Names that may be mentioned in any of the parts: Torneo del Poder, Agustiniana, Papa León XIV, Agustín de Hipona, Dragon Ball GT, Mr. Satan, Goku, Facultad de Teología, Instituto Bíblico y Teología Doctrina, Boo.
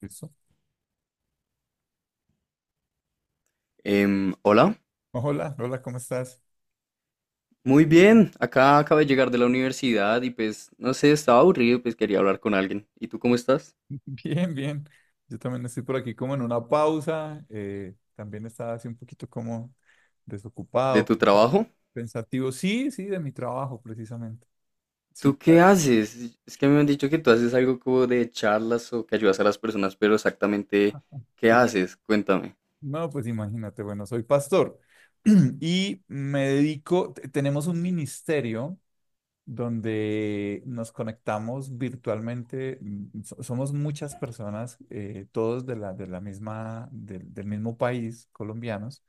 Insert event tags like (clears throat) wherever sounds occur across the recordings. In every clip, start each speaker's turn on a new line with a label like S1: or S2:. S1: Listo.
S2: Em, hola,
S1: Hola, hola, ¿cómo estás?
S2: Muy bien. Acá acabo de llegar de la universidad y pues, no sé, estaba aburrido, pues quería hablar con alguien. ¿Y tú cómo estás?
S1: (laughs) Bien, bien. Yo también estoy por aquí como en una pausa. También estaba así un poquito como
S2: ¿De
S1: desocupado,
S2: tu trabajo?
S1: pensativo. Sí, sí, de mi trabajo precisamente. Sí,
S2: ¿Tú qué
S1: claro,
S2: haces? Es que me han dicho que tú haces algo como de charlas o que ayudas a las personas, pero exactamente, ¿qué
S1: sí.
S2: haces? Cuéntame.
S1: No, pues imagínate, bueno, soy pastor (clears throat) y me dedico, tenemos un ministerio donde nos conectamos virtualmente. Somos muchas personas, todos de la misma, del mismo país, colombianos.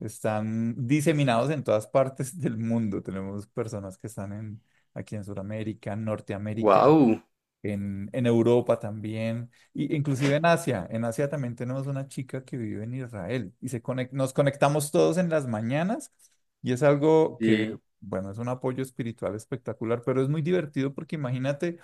S1: Están diseminados en todas partes (laughs) del mundo. Tenemos personas que están aquí en Sudamérica, en Norteamérica,
S2: Wow.
S1: en Europa también, y inclusive en Asia. En Asia también tenemos una chica que vive en Israel y nos conectamos todos en las mañanas y es algo que,
S2: Sí,
S1: bueno, es un apoyo espiritual espectacular, pero es muy divertido porque imagínate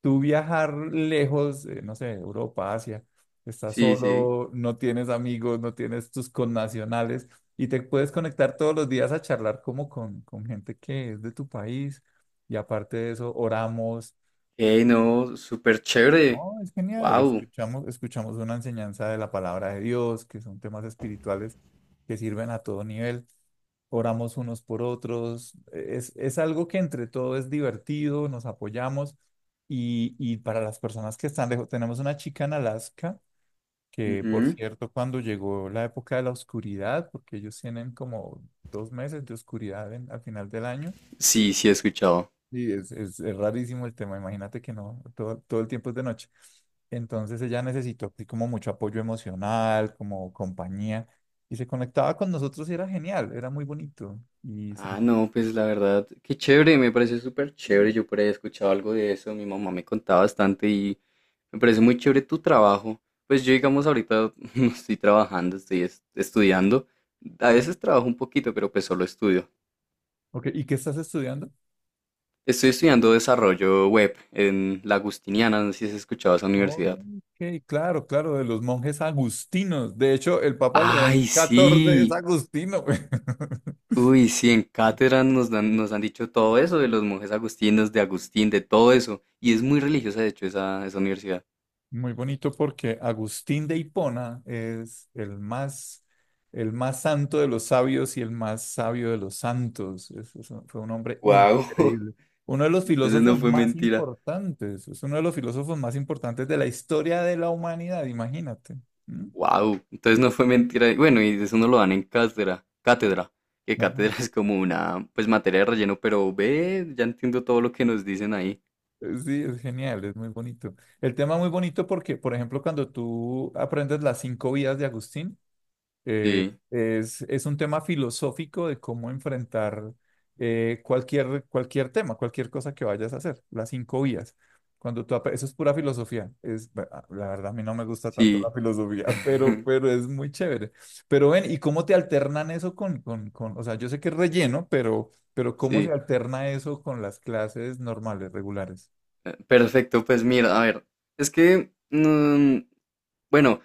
S1: tú viajar lejos, no sé, Europa, Asia, estás
S2: sí, sí.
S1: solo, no tienes amigos, no tienes tus connacionales y te puedes conectar todos los días a charlar como con gente que es de tu país y aparte de eso, oramos.
S2: Hey, no, súper chévere.
S1: Oh, es genial.
S2: Wow.
S1: Escuchamos una enseñanza de la palabra de Dios, que son temas espirituales que sirven a todo nivel. Oramos unos por otros. Es algo que entre todo es divertido, nos apoyamos. Y para las personas que están lejos, tenemos una chica en Alaska, que por cierto, cuando llegó la época de la oscuridad, porque ellos tienen como 2 meses de oscuridad al final del año.
S2: Sí, sí he escuchado.
S1: Sí, es rarísimo el tema, imagínate que no, todo el tiempo es de noche. Entonces ella necesitó así como mucho apoyo emocional, como compañía, y se conectaba con nosotros y era genial, era muy bonito. Y
S2: Ah,
S1: sentir...
S2: no, pues la verdad, qué chévere, me parece súper chévere. Yo por ahí he escuchado algo de eso, mi mamá me contaba bastante y me parece muy chévere tu trabajo. Pues yo, digamos, ahorita (laughs) no estoy trabajando, estudiando. A veces trabajo un poquito, pero pues solo estudio.
S1: Ok, ¿y qué estás estudiando?
S2: Estoy estudiando desarrollo web en la Agustiniana, no sé si has escuchado esa universidad.
S1: Ok, claro, claro, de los monjes agustinos. De hecho, el Papa León
S2: ¡Ay,
S1: XIV es
S2: sí!
S1: agustino. (laughs)
S2: Uy, sí, en cátedra nos dan, nos han dicho todo eso de los monjes agustinos, de Agustín, de todo eso. Y es muy religiosa, de hecho, esa universidad.
S1: Muy bonito porque Agustín de Hipona es el más santo de los sabios y el más sabio de los santos. Fue un hombre
S2: Wow. (laughs)
S1: increíble. Uno de los
S2: Entonces no
S1: filósofos
S2: fue
S1: más
S2: mentira.
S1: importantes. Es uno de los filósofos más importantes de la historia de la humanidad, imagínate. ¿Mm?
S2: Wow, entonces no fue mentira. Y bueno, y eso no lo dan en cátedra, que
S1: Ajá.
S2: cátedra (laughs) es como una, pues materia de relleno, pero ve, ya entiendo todo lo que nos dicen ahí.
S1: Sí, es genial, es muy bonito. El tema es muy bonito porque, por ejemplo, cuando tú aprendes las cinco vidas de Agustín. Eh,
S2: Sí,
S1: es un tema filosófico de cómo enfrentar cualquier tema, cualquier cosa que vayas a hacer, las cinco vías. Eso es pura filosofía. Es, la verdad, a mí no me gusta tanto
S2: sí,
S1: la filosofía, (laughs) pero,
S2: (laughs)
S1: pero es muy chévere. Pero ven, ¿y cómo te alternan eso con, o sea, yo sé que es relleno, pero ¿cómo se
S2: sí.
S1: alterna eso con las clases normales, regulares?
S2: Perfecto, pues mira, a ver, es que, bueno,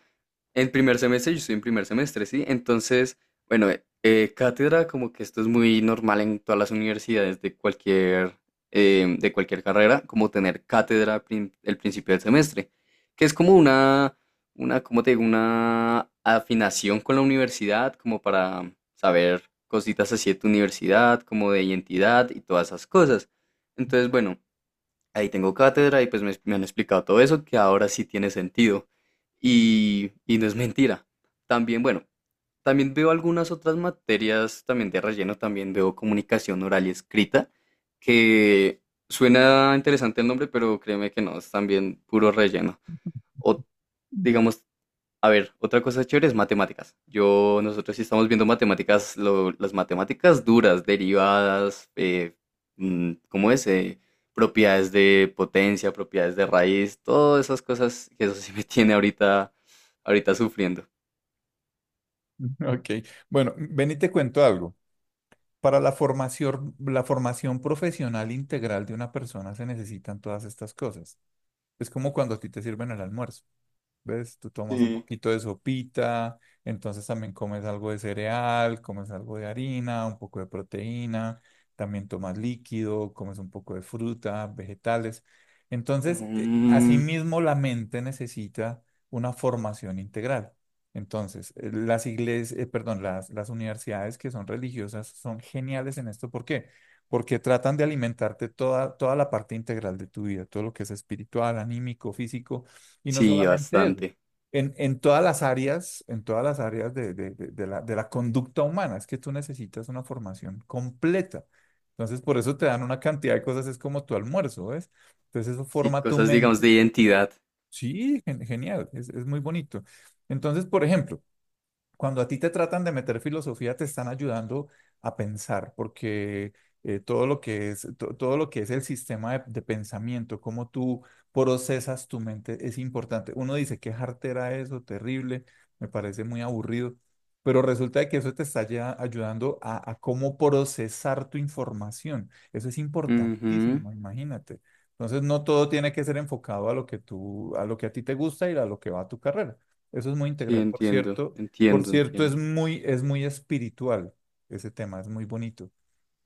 S2: en primer semestre, yo estoy en primer semestre, ¿sí? Entonces, bueno, cátedra, como que esto es muy normal en todas las universidades de cualquier, de cualquier carrera, como tener cátedra al el principio del semestre, que es como una, ¿cómo te digo? Una afinación con la universidad, como para saber cositas así de tu universidad, como de identidad y todas esas cosas. Entonces, bueno, ahí tengo cátedra y pues me han explicado todo eso, que ahora sí tiene sentido. Y no es mentira. También, bueno, también veo algunas otras materias también de relleno, también veo comunicación oral y escrita, que suena interesante el nombre, pero créeme que no, es también puro relleno. O digamos, a ver, otra cosa chévere es matemáticas. Yo, nosotros sí estamos viendo matemáticas, las matemáticas duras, derivadas, ¿cómo es? Propiedades de potencia, propiedades de raíz, todas esas cosas que eso sí me (laughs) tiene ahorita sufriendo.
S1: Ok, bueno, ven y te cuento algo. Para la formación profesional integral de una persona se necesitan todas estas cosas. Es como cuando a ti te sirven el almuerzo. ¿Ves? Tú tomas un
S2: Sí.
S1: poquito de sopita, entonces también comes algo de cereal, comes algo de harina, un poco de proteína, también tomas líquido, comes un poco de fruta, vegetales. Entonces,
S2: Mm,
S1: asimismo, la mente necesita una formación integral. Entonces, las iglesias, perdón, las universidades que son religiosas son geniales en esto. ¿Por qué? Porque tratan de alimentarte toda la parte integral de tu vida, todo lo que es espiritual, anímico, físico y no
S2: sí,
S1: solamente eso,
S2: bastante.
S1: en todas las áreas, en todas las áreas de la conducta humana, es que tú necesitas una formación completa. Entonces, por eso te dan una cantidad de cosas, es como tu almuerzo, ¿ves? Entonces, eso
S2: Sí,
S1: forma tu
S2: cosas, digamos,
S1: mente.
S2: de identidad.
S1: Sí, genial, es muy bonito. Entonces, por ejemplo, cuando a ti te tratan de meter filosofía, te están ayudando a pensar, porque todo lo que es el sistema de pensamiento, cómo tú procesas tu mente, es importante. Uno dice, qué jartera eso, terrible, me parece muy aburrido, pero resulta de que eso te está ya ayudando a cómo procesar tu información. Eso es
S2: Ujú.
S1: importantísimo, imagínate. Entonces, no todo tiene que ser enfocado a lo que tú, a lo que a ti te gusta y a lo que va a tu carrera. Eso es muy
S2: Sí,
S1: integral, por
S2: entiendo,
S1: cierto. Por
S2: entiendo,
S1: cierto, es
S2: entiendo.
S1: muy, es muy espiritual ese tema, es muy bonito.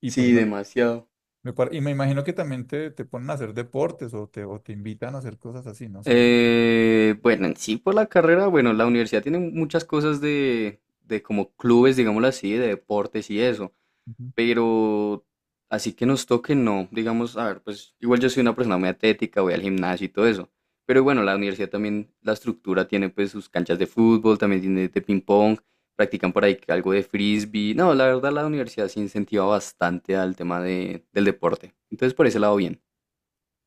S1: Y pues
S2: Sí, demasiado.
S1: y me imagino que también te ponen a hacer deportes o te invitan a hacer cosas así, no sé.
S2: Bueno, en sí por la carrera, bueno, la universidad tiene muchas cosas de como clubes, digámoslo así, de deportes y eso,
S1: Ujú.
S2: pero así que nos toque, no, digamos, a ver, pues igual yo soy una persona muy atlética, voy al gimnasio y todo eso, pero bueno, la universidad también, la estructura tiene pues sus canchas de fútbol, también tiene de ping pong, practican por ahí que algo de frisbee, no, la verdad la universidad se incentiva bastante al tema de, del deporte, entonces por ese lado bien.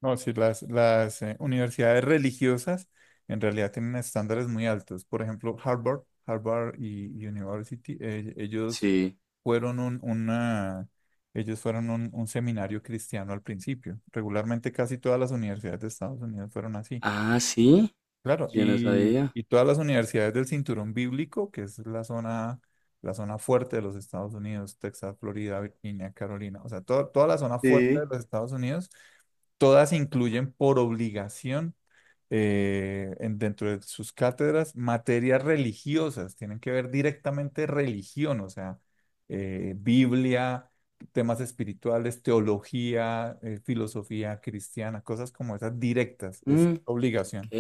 S1: No, sí, las universidades religiosas en realidad tienen estándares muy altos. Por ejemplo, Harvard, Harvard y University,
S2: Sí.
S1: fueron un, una, ellos fueron un seminario cristiano al principio. Regularmente casi todas las universidades de Estados Unidos fueron así.
S2: Ah, sí,
S1: Claro,
S2: yo no
S1: y,
S2: sabía.
S1: y todas las universidades del cinturón bíblico, que es la zona fuerte de los Estados Unidos, Texas, Florida, Virginia, Carolina, o sea, toda la zona fuerte de
S2: Sí.
S1: los Estados Unidos, todas incluyen por obligación dentro de sus cátedras materias religiosas, tienen que ver directamente religión, o sea, Biblia, temas espirituales, teología, filosofía cristiana, cosas como esas directas, es
S2: Mm, ok.
S1: obligación.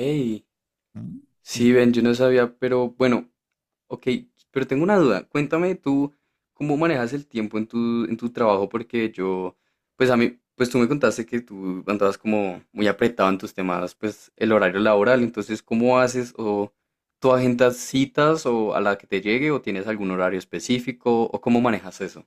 S1: Mm, sí.
S2: Sí, ven, yo no sabía, pero bueno, ok, pero tengo una duda. Cuéntame tú cómo manejas el tiempo en en tu trabajo, porque yo, pues a mí, pues tú me contaste que tú andabas como muy apretado en tus temas, pues el horario laboral, entonces, ¿cómo haces? ¿O tú agendas citas o a la que te llegue o tienes algún horario específico o cómo manejas eso?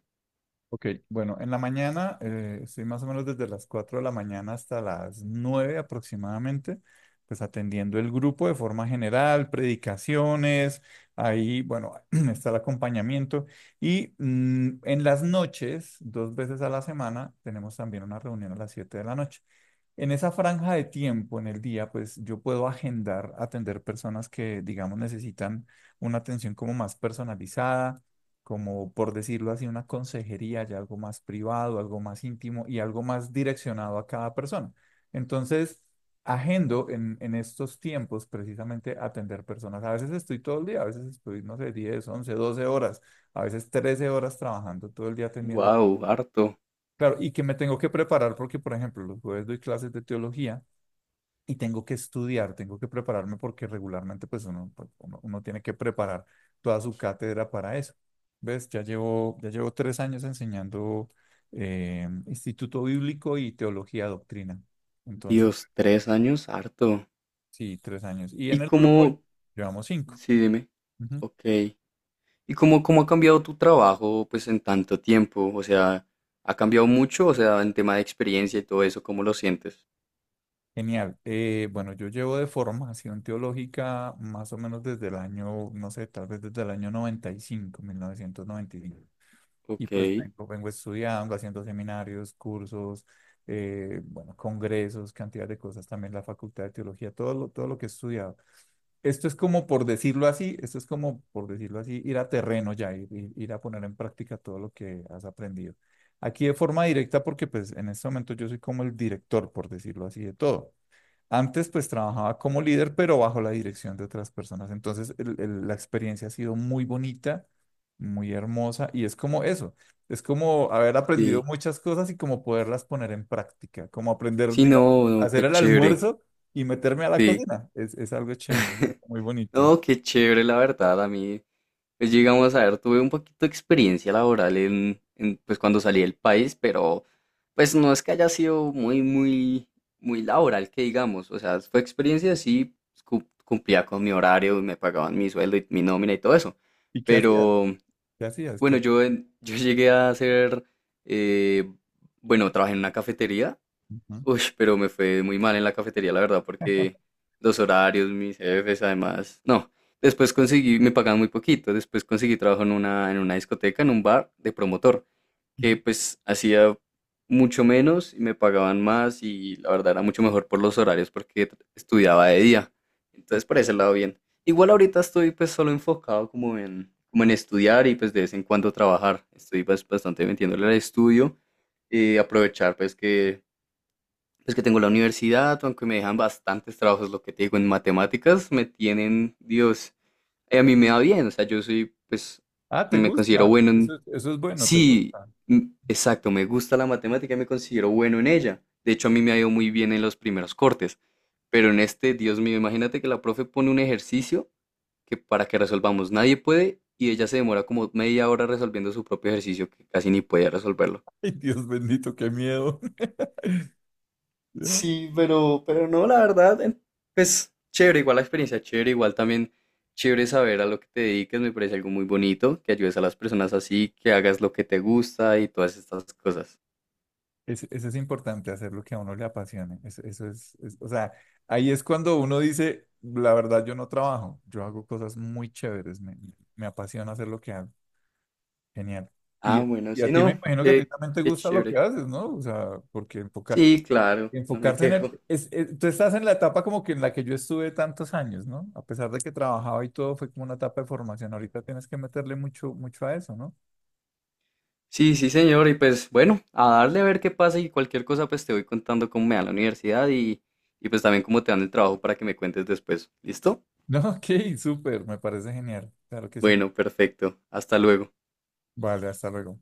S1: Ok, bueno, en la mañana estoy más o menos desde las 4 de la mañana hasta las 9 aproximadamente, pues atendiendo el grupo de forma general, predicaciones, ahí, bueno, (clears throat) está el acompañamiento. Y en las noches, 2 veces a la semana, tenemos también una reunión a las 7 de la noche. En esa franja de tiempo en el día, pues yo puedo agendar, atender personas que, digamos, necesitan una atención como más personalizada, como por decirlo así, una consejería, ya algo más privado, algo más íntimo y algo más direccionado a cada persona. Entonces, agendo en estos tiempos precisamente atender personas. A veces estoy todo el día, a veces estoy, no sé, 10, 11, 12 horas, a veces 13 horas trabajando todo el día atendiendo.
S2: Wow, harto.
S1: Claro, y que me tengo que preparar porque, por ejemplo, los jueves doy clases de teología y tengo que estudiar, tengo que prepararme porque regularmente uno tiene que preparar toda su cátedra para eso. ¿Ves? Ya llevo 3 años enseñando Instituto Bíblico y Teología Doctrina. Entonces,
S2: Dios, 3 años, harto.
S1: sí, 3 años. Y en
S2: ¿Y
S1: el grupo
S2: cómo?
S1: llevamos cinco.
S2: Sí, dime.
S1: Ujú.
S2: Ok. ¿Y cómo ha cambiado tu trabajo pues en tanto tiempo? O sea, ¿ha cambiado mucho? O sea, en tema de experiencia y todo eso, ¿cómo lo sientes?
S1: Genial. Bueno, yo llevo de formación teológica más o menos desde el año, no sé, tal vez desde el año noventa y cinco 1995. Y
S2: Ok,
S1: pues vengo estudiando, haciendo seminarios, cursos, bueno, congresos, cantidad de cosas, también la Facultad de Teología, todo lo que he estudiado. Esto es como por decirlo así, ir a terreno ya, ir a poner en práctica todo lo que has aprendido. Aquí de forma directa, porque pues en este momento yo soy como el director, por decirlo así, de todo. Antes pues trabajaba como líder, pero bajo la dirección de otras personas. Entonces la experiencia ha sido muy bonita, muy hermosa y es como eso, es como haber aprendido
S2: sí.
S1: muchas cosas y como poderlas poner en práctica, como aprender,
S2: Sí,
S1: digamos,
S2: no,
S1: a
S2: no,
S1: hacer
S2: qué
S1: el
S2: chévere.
S1: almuerzo y meterme a la
S2: Sí.
S1: cocina. Es algo chévere, es algo muy bonito.
S2: No, qué chévere, la verdad. A mí, pues llegamos a ver, tuve un poquito de experiencia laboral en, pues cuando salí del país, pero pues no es que haya sido muy laboral, que digamos. O sea, fue experiencia, sí, pues, cumplía con mi horario, me pagaban mi sueldo y mi nómina y todo eso.
S1: ¿Y qué hacías?
S2: Pero,
S1: ¿Qué hacías?
S2: bueno, yo llegué a hacer, eh, bueno, trabajé en una cafetería.
S1: Ujú,
S2: Uy, pero me fue muy mal en la cafetería, la verdad, porque los horarios, mis jefes, además. No, después conseguí, me pagaban muy poquito. Después conseguí trabajo en una discoteca, en un bar de promotor,
S1: ujú,
S2: que pues hacía mucho menos y me pagaban más y la verdad era mucho mejor por los horarios porque estudiaba de día.
S1: ok.
S2: Entonces, por ese lado, bien. Igual ahorita estoy pues solo enfocado como en, como en estudiar y pues de vez en cuando trabajar. Estoy pues, bastante metiéndole al estudio y aprovechar pues que es que tengo la universidad, aunque me dejan bastantes trabajos, lo que te digo, en matemáticas me tienen, Dios, a mí me va bien, o sea, yo soy, pues,
S1: Ah, ¿te
S2: me considero
S1: gusta?
S2: bueno
S1: Eso,
S2: en...
S1: eso es bueno, ¿te
S2: Sí,
S1: gusta? (laughs)
S2: exacto, me gusta la matemática y me considero bueno en ella. De hecho, a mí me ha ido muy bien en los primeros cortes, pero en este, Dios mío, imagínate que la profe pone un ejercicio que para que resolvamos nadie puede y ella se demora como media hora resolviendo su propio ejercicio que casi ni podía resolverlo.
S1: Ay, Dios bendito, qué miedo. (laughs) Ya.
S2: Sí, pero no, la verdad, en- pues chévere, igual la experiencia, chévere, igual también chévere saber a lo que te dediques, me parece algo muy bonito, que ayudes a las personas así, que hagas lo que te gusta y todas estas cosas.
S1: Eso es importante, hacer lo que a uno le apasione. O sea, ahí es cuando uno dice, la verdad, yo no trabajo, yo hago cosas muy chéveres, me apasiona hacer lo que hago. Genial. Y,
S2: Ah, bueno,
S1: y a
S2: sí,
S1: ti me
S2: no,
S1: imagino que a ti
S2: qué,
S1: también te
S2: qué
S1: gusta lo que
S2: chévere.
S1: haces, ¿no? O sea, porque
S2: Sí, claro, no me
S1: enfocarse en
S2: quejo.
S1: el... tú estás en la etapa como que en la que yo estuve tantos años, ¿no? A pesar de que trabajaba y todo, fue como una etapa de formación. Ahorita tienes que meterle mucho, mucho a eso, ¿no? (laughs)
S2: Sí, sí, señor, y pues bueno, a darle a ver qué pasa y cualquier cosa, pues te voy contando cómo me va en la universidad y pues también cómo te dan el trabajo para que me cuentes después. ¿Listo?
S1: No, ok, súper, me parece genial. Claro que sí.
S2: Bueno, perfecto. Hasta luego.
S1: Vale, hasta luego.